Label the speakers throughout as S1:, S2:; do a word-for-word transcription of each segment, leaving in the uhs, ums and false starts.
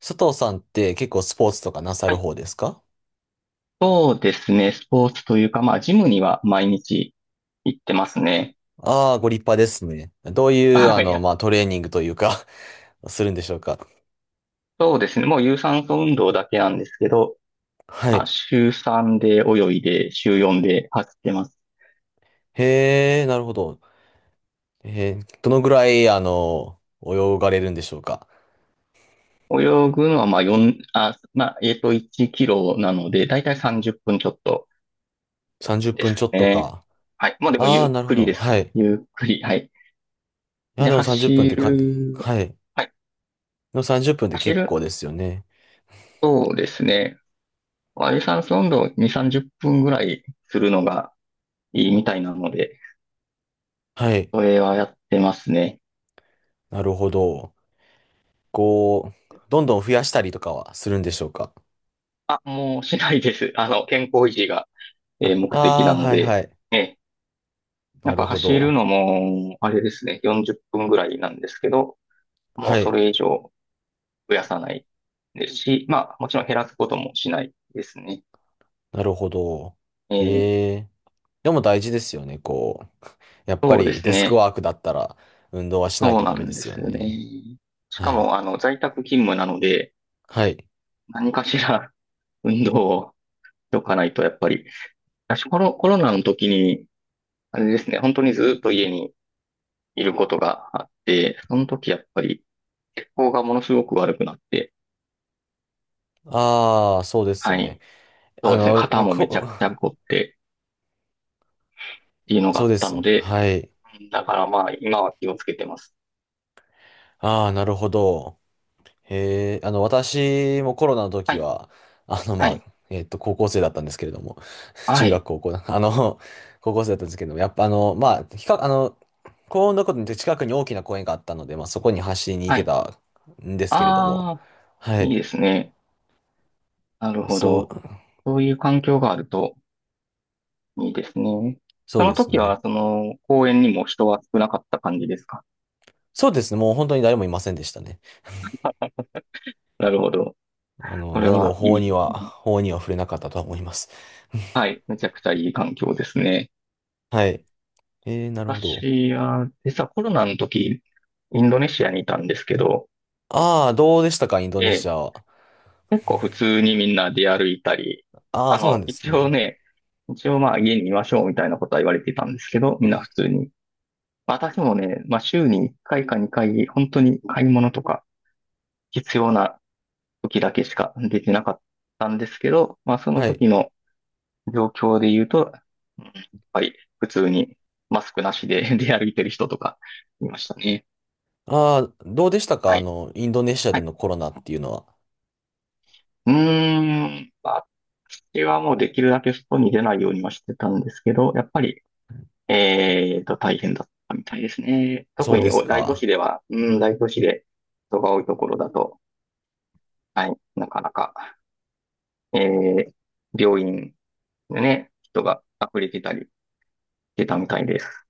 S1: 佐藤さんって結構スポーツとかなさ
S2: は
S1: る
S2: い。
S1: 方ですか？
S2: そうですね。スポーツというか、まあ、ジムには毎日行ってますね。
S1: ああー、ご立派ですね。どういう、あ
S2: あ、い
S1: の、
S2: や、
S1: まあ、トレーニングというか、 するんでしょうか？
S2: そうですね。もう有酸素運動だけなんですけど、
S1: は
S2: まあ、
S1: い。
S2: 週さんで泳いで、週よんで走ってます。
S1: へえ、なるほど。えーどのぐらい、あの、泳がれるんでしょうか？
S2: 泳ぐのは、まあ、よん、あ、まあ、えっと、いちキロなので、だいたいさんじゅっぷんちょっと
S1: 30
S2: で
S1: 分ちょ
S2: す
S1: っと
S2: ね。
S1: か。
S2: はい。もうでも、
S1: あ
S2: ゆ
S1: あ、
S2: っ
S1: なるほ
S2: くり
S1: ど。
S2: です。
S1: はい。い
S2: ゆっくり。はい。
S1: や、
S2: で、
S1: でもさんじゅっぷんっ
S2: 走
S1: ぷんってか、
S2: る、
S1: はい。で
S2: はい。
S1: もさんじゅっぷんっぷんって
S2: 走
S1: 結
S2: る、
S1: 構ですよね。
S2: そうですね。まあ有酸素運動に、さんじゅっぷんぐらいするのが、いいみたいなので、
S1: はい。
S2: それはやってますね。
S1: なるほど。こう、どんどん増やしたりとかはするんでしょうか？
S2: あ、もうしないです。あの、健康維持が、えー
S1: あ
S2: 目的な
S1: あー、
S2: の
S1: はい
S2: で、
S1: はい。
S2: え、な
S1: な
S2: ん
S1: る
S2: か
S1: ほ
S2: 走
S1: ど。
S2: るのも、あれですね、よんじゅっぷんぐらいなんですけど、も
S1: は
S2: うそ
S1: い。
S2: れ以上増やさないですし、まあ、もちろん減らすこともしないですね。
S1: なるほど。
S2: えー
S1: へえ。でも大事ですよね。こう、やっぱ
S2: そうで
S1: り
S2: す
S1: デスク
S2: ね。
S1: ワークだったら運動はしない
S2: そう
S1: と
S2: な
S1: ダメで
S2: んで
S1: すよ
S2: すよね。
S1: ね。
S2: し
S1: は
S2: か
S1: い。
S2: も、あの、在宅勤務なので、
S1: はい。
S2: 何かしら運動をしとかないと、やっぱり、私、コロ、コロナの時に、あれですね、本当にずっと家にいることがあって、その時やっぱり血行がものすごく悪くなって、
S1: ああ、そうです
S2: は
S1: よね。
S2: い。そ
S1: あ
S2: うですね、
S1: の、ま
S2: 肩
S1: あ
S2: もめ
S1: こ、
S2: ちゃくちゃ凝ってっていう のがあ
S1: そう
S2: っ
S1: で
S2: た
S1: す。
S2: ので、
S1: はい。
S2: だからまあ今は気をつけてます。
S1: ああ、なるほど。へえ。あの、私もコロナの
S2: は
S1: 時
S2: い、
S1: は、あの、ま
S2: はい、
S1: あ、えっと、高校生だったんですけれども、
S2: は
S1: 中学、
S2: い、
S1: 高校だ、あの、高校生だったんですけども、やっぱあの、まあ、比較、あの、幸運なことに近くに大きな公園があったので、まあ、そこに走りに行
S2: は
S1: け
S2: い。
S1: たんですけれども、
S2: ああ、
S1: は
S2: い
S1: い。
S2: いですね。なる
S1: まあ
S2: ほ
S1: そう、
S2: ど。そういう環境があるといいですね。
S1: そ
S2: そ
S1: うで
S2: の
S1: す
S2: 時
S1: ね。
S2: は、その公園にも人は少なかった感じですか？
S1: そうですね。もう本当に誰もいませんでしたね。
S2: なるほど。
S1: あの、
S2: それ
S1: 何も
S2: はい
S1: 法には、
S2: い。
S1: 法には触れなかったとは思います。
S2: は い、めちゃくちゃいい環境ですね。
S1: はい。えー、なるほど。
S2: 私は、実はコロナの時、インドネシアにいたんですけど、
S1: ああ、どうでしたか、インド
S2: え
S1: ネシ
S2: え、
S1: アは？
S2: 結構普通にみんな出歩いたり、
S1: ああ、
S2: あ
S1: そうなん
S2: の、
S1: です
S2: 一応
S1: ね。
S2: ね、一応まあ家にいましょうみたいなことは言われていたんですけど、みんな普通に。私もね、まあ週にいっかいかにかい、本当に買い物とか必要な時だけしかできなかったんですけど、まあその
S1: はい。
S2: 時の状況で言うと、うんやっぱり普通にマスクなしで 出歩いてる人とかいましたね。
S1: ああ、どうでしたか、
S2: は
S1: あ
S2: い。
S1: の、インドネシアでのコロナっていうのは？
S2: うーん、まあ私はもうできるだけ外に出ないようにはしてたんですけど、やっぱり、えーと、大変だったみたいですね。
S1: そ
S2: 特
S1: うで
S2: に
S1: す
S2: お大都
S1: か。
S2: 市では、うん、大都市で人が多いところだと、はい、なかなか、えー、病院でね、人が溢れてたりしてたみたいです。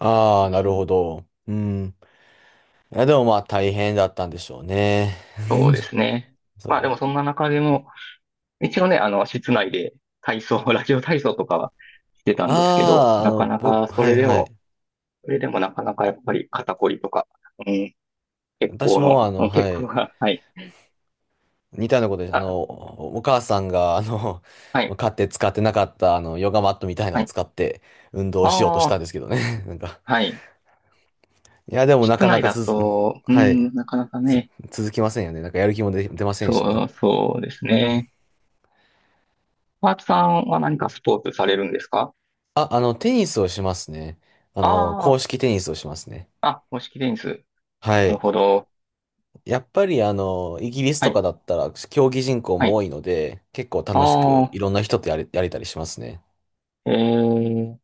S1: あ
S2: う
S1: あ、なる
S2: ん、
S1: ほど。うん。いや、でもまあ大変だったんでしょうね。
S2: そうですね。
S1: そう
S2: まあでもそんな中でも、一応ね、あの、室内で体操、ラジオ体操とかはしてたんですけど、
S1: ああ、あ
S2: な
S1: の、
S2: かなか
S1: 僕、
S2: そ
S1: はい
S2: れで
S1: は
S2: も、
S1: い。
S2: それでもなかなかやっぱり肩こりとか、うん、血
S1: 私
S2: 行の、
S1: もあ
S2: う
S1: の、
S2: ん血
S1: は
S2: 行
S1: い。
S2: が、はい。
S1: 似たようなことです。あ
S2: あ、
S1: の、おお母さんが、あの、
S2: はい、
S1: 買って使ってなかった、あの、ヨガマットみたいなの
S2: は
S1: を
S2: い。
S1: 使って運動しようとし
S2: あ
S1: たん
S2: あ、
S1: ですけどね。なんか、
S2: はい。
S1: いや、でもな
S2: 室
S1: かな
S2: 内
S1: か
S2: だ
S1: 続く、
S2: と、う
S1: はい。
S2: ん、なかなか
S1: つ、
S2: ね、
S1: 続きませんよね。なんかやる気も出、出ませんしね。
S2: そう、そうですね。パーツさんは何かスポーツされるんですか？
S1: あ、あの、テニスをしますね。あの、公
S2: あ
S1: 式テニスをしますね。
S2: あ、あ、公式テニス。
S1: は
S2: なる
S1: い。
S2: ほど。
S1: やっぱりあの、イギリス
S2: は
S1: とか
S2: い、
S1: だったら競技人口
S2: は
S1: も多
S2: い。
S1: いので、結構
S2: あ
S1: 楽しくい
S2: あ、
S1: ろんな人とやれ、やれたりしますね。
S2: えー、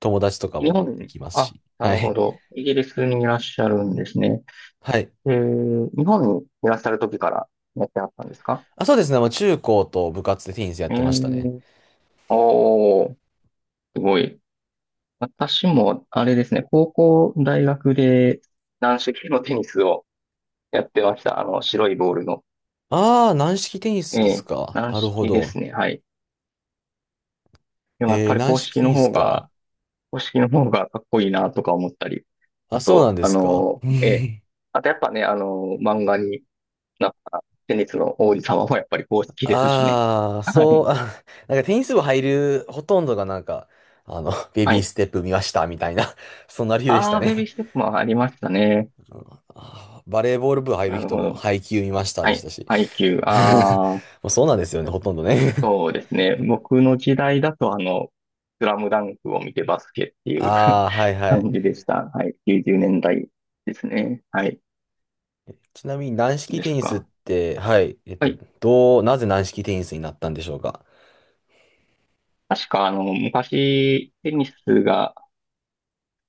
S1: 友達とか
S2: 日
S1: も
S2: 本
S1: で
S2: に、
S1: きます
S2: あ、
S1: し。
S2: な
S1: は
S2: るほ
S1: い。
S2: ど。イギリスにいらっしゃるんですね。
S1: はい。
S2: えー、日本にいらっしゃる時からやってあったんですか？
S1: あ、そうですね。まあ、中高と部活でテニスやっ
S2: え
S1: てましたね。
S2: ーおー、すごい。私も、あれですね、高校、大学で軟式のテニスをやってました。あの、白いボールの。
S1: ああ、軟式テニ
S2: え
S1: スです
S2: え、
S1: か？
S2: 軟
S1: なるほ
S2: 式で
S1: ど。
S2: すね。はい。でもやっ
S1: へえ
S2: ぱ
S1: ー、
S2: り
S1: 軟
S2: 公
S1: 式
S2: 式
S1: テ
S2: の
S1: ニス
S2: 方
S1: か。
S2: が、公式の方がかっこいいなとか思ったり。
S1: あ、
S2: あ
S1: そうなん
S2: と、
S1: で
S2: あ
S1: すか？
S2: の、ええ、あとやっぱね、あの、漫画になったテニスの王子様もやっぱり公式ですしね。
S1: ああ、
S2: は
S1: そ
S2: い。
S1: う、あ、なんかテニス部入るほとんどがなんか、あの、ベ
S2: は
S1: ビー
S2: い。
S1: ステップ見ましたみたいな、そんな理由でし
S2: あ
S1: た
S2: あベビー
S1: ね。
S2: ステップもありましたね。
S1: うん。あーバレーボール部入る
S2: なる
S1: 人
S2: ほ
S1: も
S2: ど。
S1: 配球見ました
S2: は
S1: でし
S2: い。
S1: たし。
S2: ハイキュあー。
S1: もうそうなんですよね、ほとんどね。
S2: そうですね。僕の時代だと、あの、スラムダンクを見てバスケって いう
S1: ああ、はいはい。
S2: 感じでした。はい。きゅうじゅうねんだいですね。はい。
S1: ちなみに軟式
S2: で
S1: テ
S2: す
S1: ニスっ
S2: か。
S1: て、はい、えっ
S2: は
S1: と、
S2: い。
S1: どう、なぜ軟式テニスになったんでしょうか？
S2: 確か、あの、昔、テニスが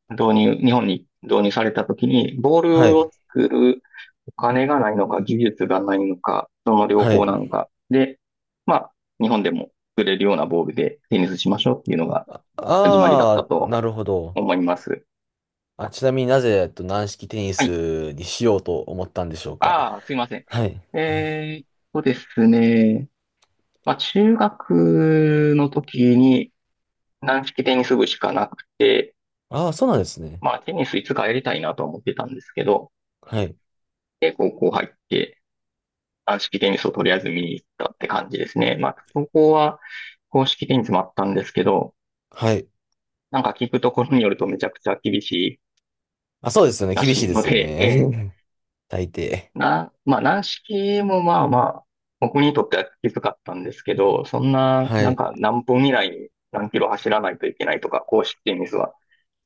S2: 導入、日本に導入された時に、ボー
S1: は
S2: ル
S1: い、
S2: を作るお金がないのか、技術がないのか、その両
S1: は
S2: 方
S1: い。
S2: なのか。で、まあ、日本でも作れるようなボールでテニスしましょうっていうのが
S1: あ
S2: 始まりだった
S1: あー、
S2: と
S1: なるほど。
S2: 思います。
S1: あ、ちなみになぜ、えっと、軟式テニ
S2: はい。
S1: スにしようと思ったんでしょうか？
S2: ああ、すいません。
S1: はい。
S2: えーっとですね。まあ、中学の時に軟式テニス部しかなくて、
S1: ああ、そうなんですね。
S2: まあ、テニスいつかやりたいなとは思ってたんですけど、
S1: はい、
S2: で、高校入って、軟式テニスをとりあえず見に行ったって感じですね。まあ、高校は公式テニスもあったんですけど、
S1: はい。
S2: なんか聞くところによるとめちゃくちゃ厳しい
S1: あ、そうですよね。
S2: ら
S1: 厳しい
S2: しい
S1: で
S2: の
S1: すよ
S2: で、え
S1: ね。大抵。
S2: な、まあ、軟式もまあまあ、僕にとってはきつかったんですけど、そんな、
S1: は
S2: なん
S1: い。
S2: か何分以内に何キロ走らないといけないとか、公式テニスは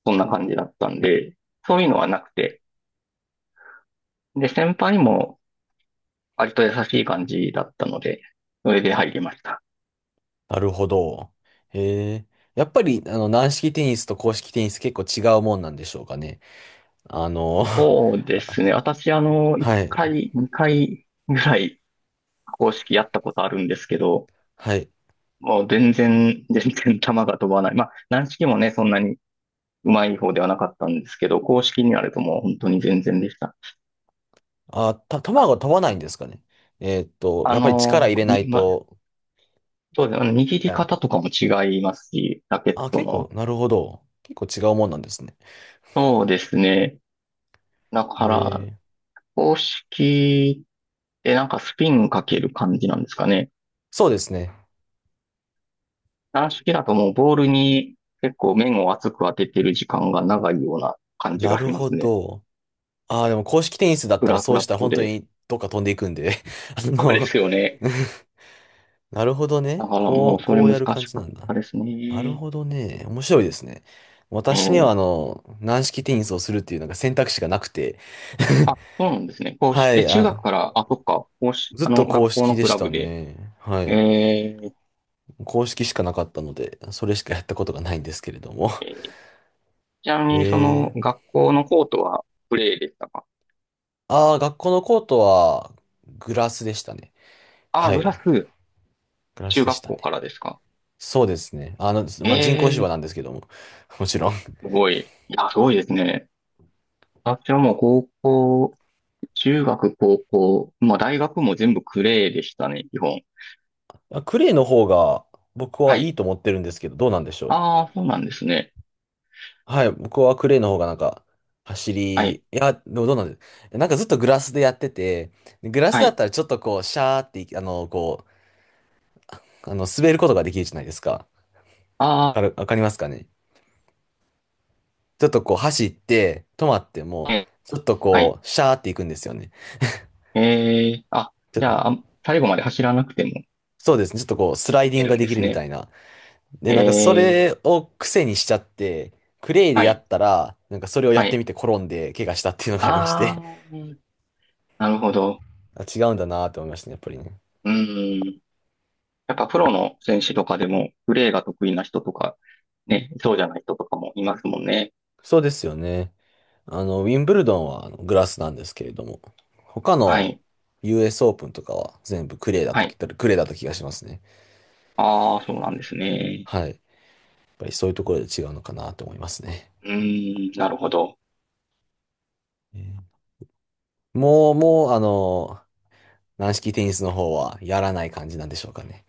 S2: そんな感じだったんで、そういうのはなくて、で、先輩も割と優しい感じだったので、それで入りました。
S1: なるほど。へえ。やっぱり、あの、軟式テニスと硬式テニス結構違うもんなんでしょうかね？あの、
S2: そう ですね。私、あの、1
S1: はい、
S2: 回、にかいぐらい公式やったことあるんですけど、
S1: はい。
S2: もう全然、全然球が飛ばない。まあ、軟式もね、そんなにうまい方ではなかったんですけど、公式になるともう本当に全然でした。
S1: あ、た、球が
S2: あ、
S1: 飛ばないんですかね？えーっと、
S2: あ
S1: やっぱり力
S2: の
S1: 入れな
S2: に、
S1: い
S2: ま、
S1: と、
S2: そうですね。
S1: み
S2: 握り
S1: たいな。
S2: 方とかも違いますし、ラケッ
S1: あ、
S2: ト
S1: 結構、
S2: の。
S1: なるほど。結構違うもんなんですね。
S2: そうですね。だ
S1: へ
S2: から、
S1: え。
S2: 公式ってなんかスピンかける感じなんですかね。
S1: そうですね。
S2: 軟式だともうボールに結構面を厚く当ててる時間が長いような感じ
S1: な
S2: が
S1: る
S2: しま
S1: ほ
S2: すね。
S1: ど。ああでも硬式テニスだっ
S2: フ
S1: たら
S2: ラフ
S1: そう
S2: ラ
S1: し
S2: ッ
S1: たら
S2: ト
S1: 本当
S2: で。
S1: にどっか飛んでいくんで。あ
S2: そうで
S1: の、
S2: すよね。
S1: なるほど
S2: だ
S1: ね。
S2: から
S1: こ
S2: もう
S1: う、
S2: それ
S1: こう
S2: 難
S1: や
S2: し
S1: る
S2: か
S1: 感じな
S2: っ
S1: ん
S2: た
S1: だ。
S2: です
S1: なる
S2: ね。
S1: ほどね。面白いですね。
S2: え
S1: 私には、あ
S2: ー
S1: の、軟式テニスをするっていうなんか選択肢がなくて。
S2: あ、そうなんですね。公
S1: は
S2: 式、え、
S1: い、
S2: 中
S1: あ、
S2: 学から、あ、そっか、公式、
S1: ずっ
S2: あ
S1: と
S2: の、
S1: 公
S2: 学校
S1: 式
S2: の
S1: で
S2: ク
S1: し
S2: ラ
S1: た
S2: ブで。
S1: ね。はい。
S2: えー、
S1: 公式しかなかったので、それしかやったことがないんですけれども。
S2: えーちな みに、そ
S1: え
S2: の、
S1: ー。
S2: 学校のコートはプレーでしたか？
S1: ああー、学校のコートは、グラスでしたね。
S2: あ、
S1: は
S2: ブ
S1: い。
S2: ラス、
S1: グラス
S2: 中
S1: で
S2: 学
S1: した
S2: 校か
S1: ね。
S2: らですか？
S1: そうですね。あの、
S2: え
S1: まあ、人工芝
S2: ー、
S1: なんですけども。もちろん。
S2: すごい。いや、すごいですね。私はもう高校、中学、高校、まあ大学も全部クレーでしたね、基本。
S1: あ、クレーの方が、僕
S2: は
S1: はい
S2: い。
S1: いと思ってるんですけど、どうなんでしょう？
S2: ああ、そうなんですね。
S1: はい、僕はクレイの方がなんか、走
S2: は
S1: り、い
S2: い。
S1: や、でもどうなんですなんかずっとグラスでやってて、グラス
S2: は
S1: だっ
S2: い。
S1: たらちょっとこう、シャーってい、あの、こう、あの、滑ることができるじゃないですか。わ
S2: あ
S1: かる、わかりますかね？ちょっとこう、走って、止まっても、
S2: あ、え
S1: ちょっと
S2: はい。
S1: こう、シャーっていくんですよね。
S2: えー、あ、
S1: ちょ
S2: じゃあ、最後まで走らなくてもい
S1: そうですね、ちょっとこう、スライディ
S2: け
S1: ング
S2: る
S1: が
S2: ん
S1: で
S2: で
S1: き
S2: す
S1: るみた
S2: ね。
S1: いな。
S2: え
S1: で、なんかそ
S2: え、
S1: れを癖にしちゃって、クレイで
S2: は
S1: や
S2: い、
S1: ったら、なんかそれをや
S2: は
S1: って
S2: い。
S1: みて転んで、怪我したっていうのがありまし
S2: あ
S1: て、
S2: ー、なるほど。
S1: あ、違うんだなって思いましたね、やっぱりね。
S2: うん。やっぱプロの選手とかでも、プレーが得意な人とか、ね、そうじゃない人とかもいますもんね。
S1: そうですよね。あの、ウィンブルドンはあのグラスなんですけれども、他
S2: は
S1: の
S2: い、
S1: ユーエス オープンとかは全部クレーだ
S2: は
S1: とき、
S2: い。
S1: クレーだった気がしますね。
S2: ああ、そうなんですね。
S1: はい。やっぱりそういうところで違うのかなと思いますね。
S2: うん、なるほど。
S1: えーもう、もう、あの、軟式テニスの方はやらない感じなんでしょうかね？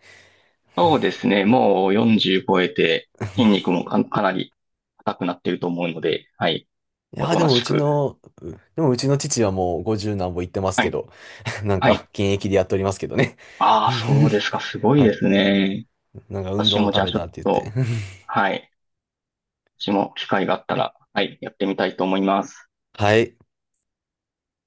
S2: そうですね。もう40超えて、筋肉もか、かなり硬くなっていると思うので、はい。
S1: い
S2: お
S1: やー、
S2: と
S1: で
S2: な
S1: もう
S2: し
S1: ち
S2: く。
S1: の、うでもうちの父はもうごじゅう何歩行ってます
S2: は
S1: け
S2: い、
S1: ど、なん
S2: は
S1: か
S2: い。
S1: 現役でやっておりますけどね。
S2: ああ、そうですか。す ごい
S1: は
S2: で
S1: い。
S2: すね。
S1: なんか運
S2: 私
S1: 動の
S2: もじ
S1: た
S2: ゃあ
S1: め
S2: ちょ
S1: だ
S2: っ
S1: って言っ
S2: と、
S1: て。
S2: はい。私も機会があったら、はい、やってみたいと思います。
S1: はい。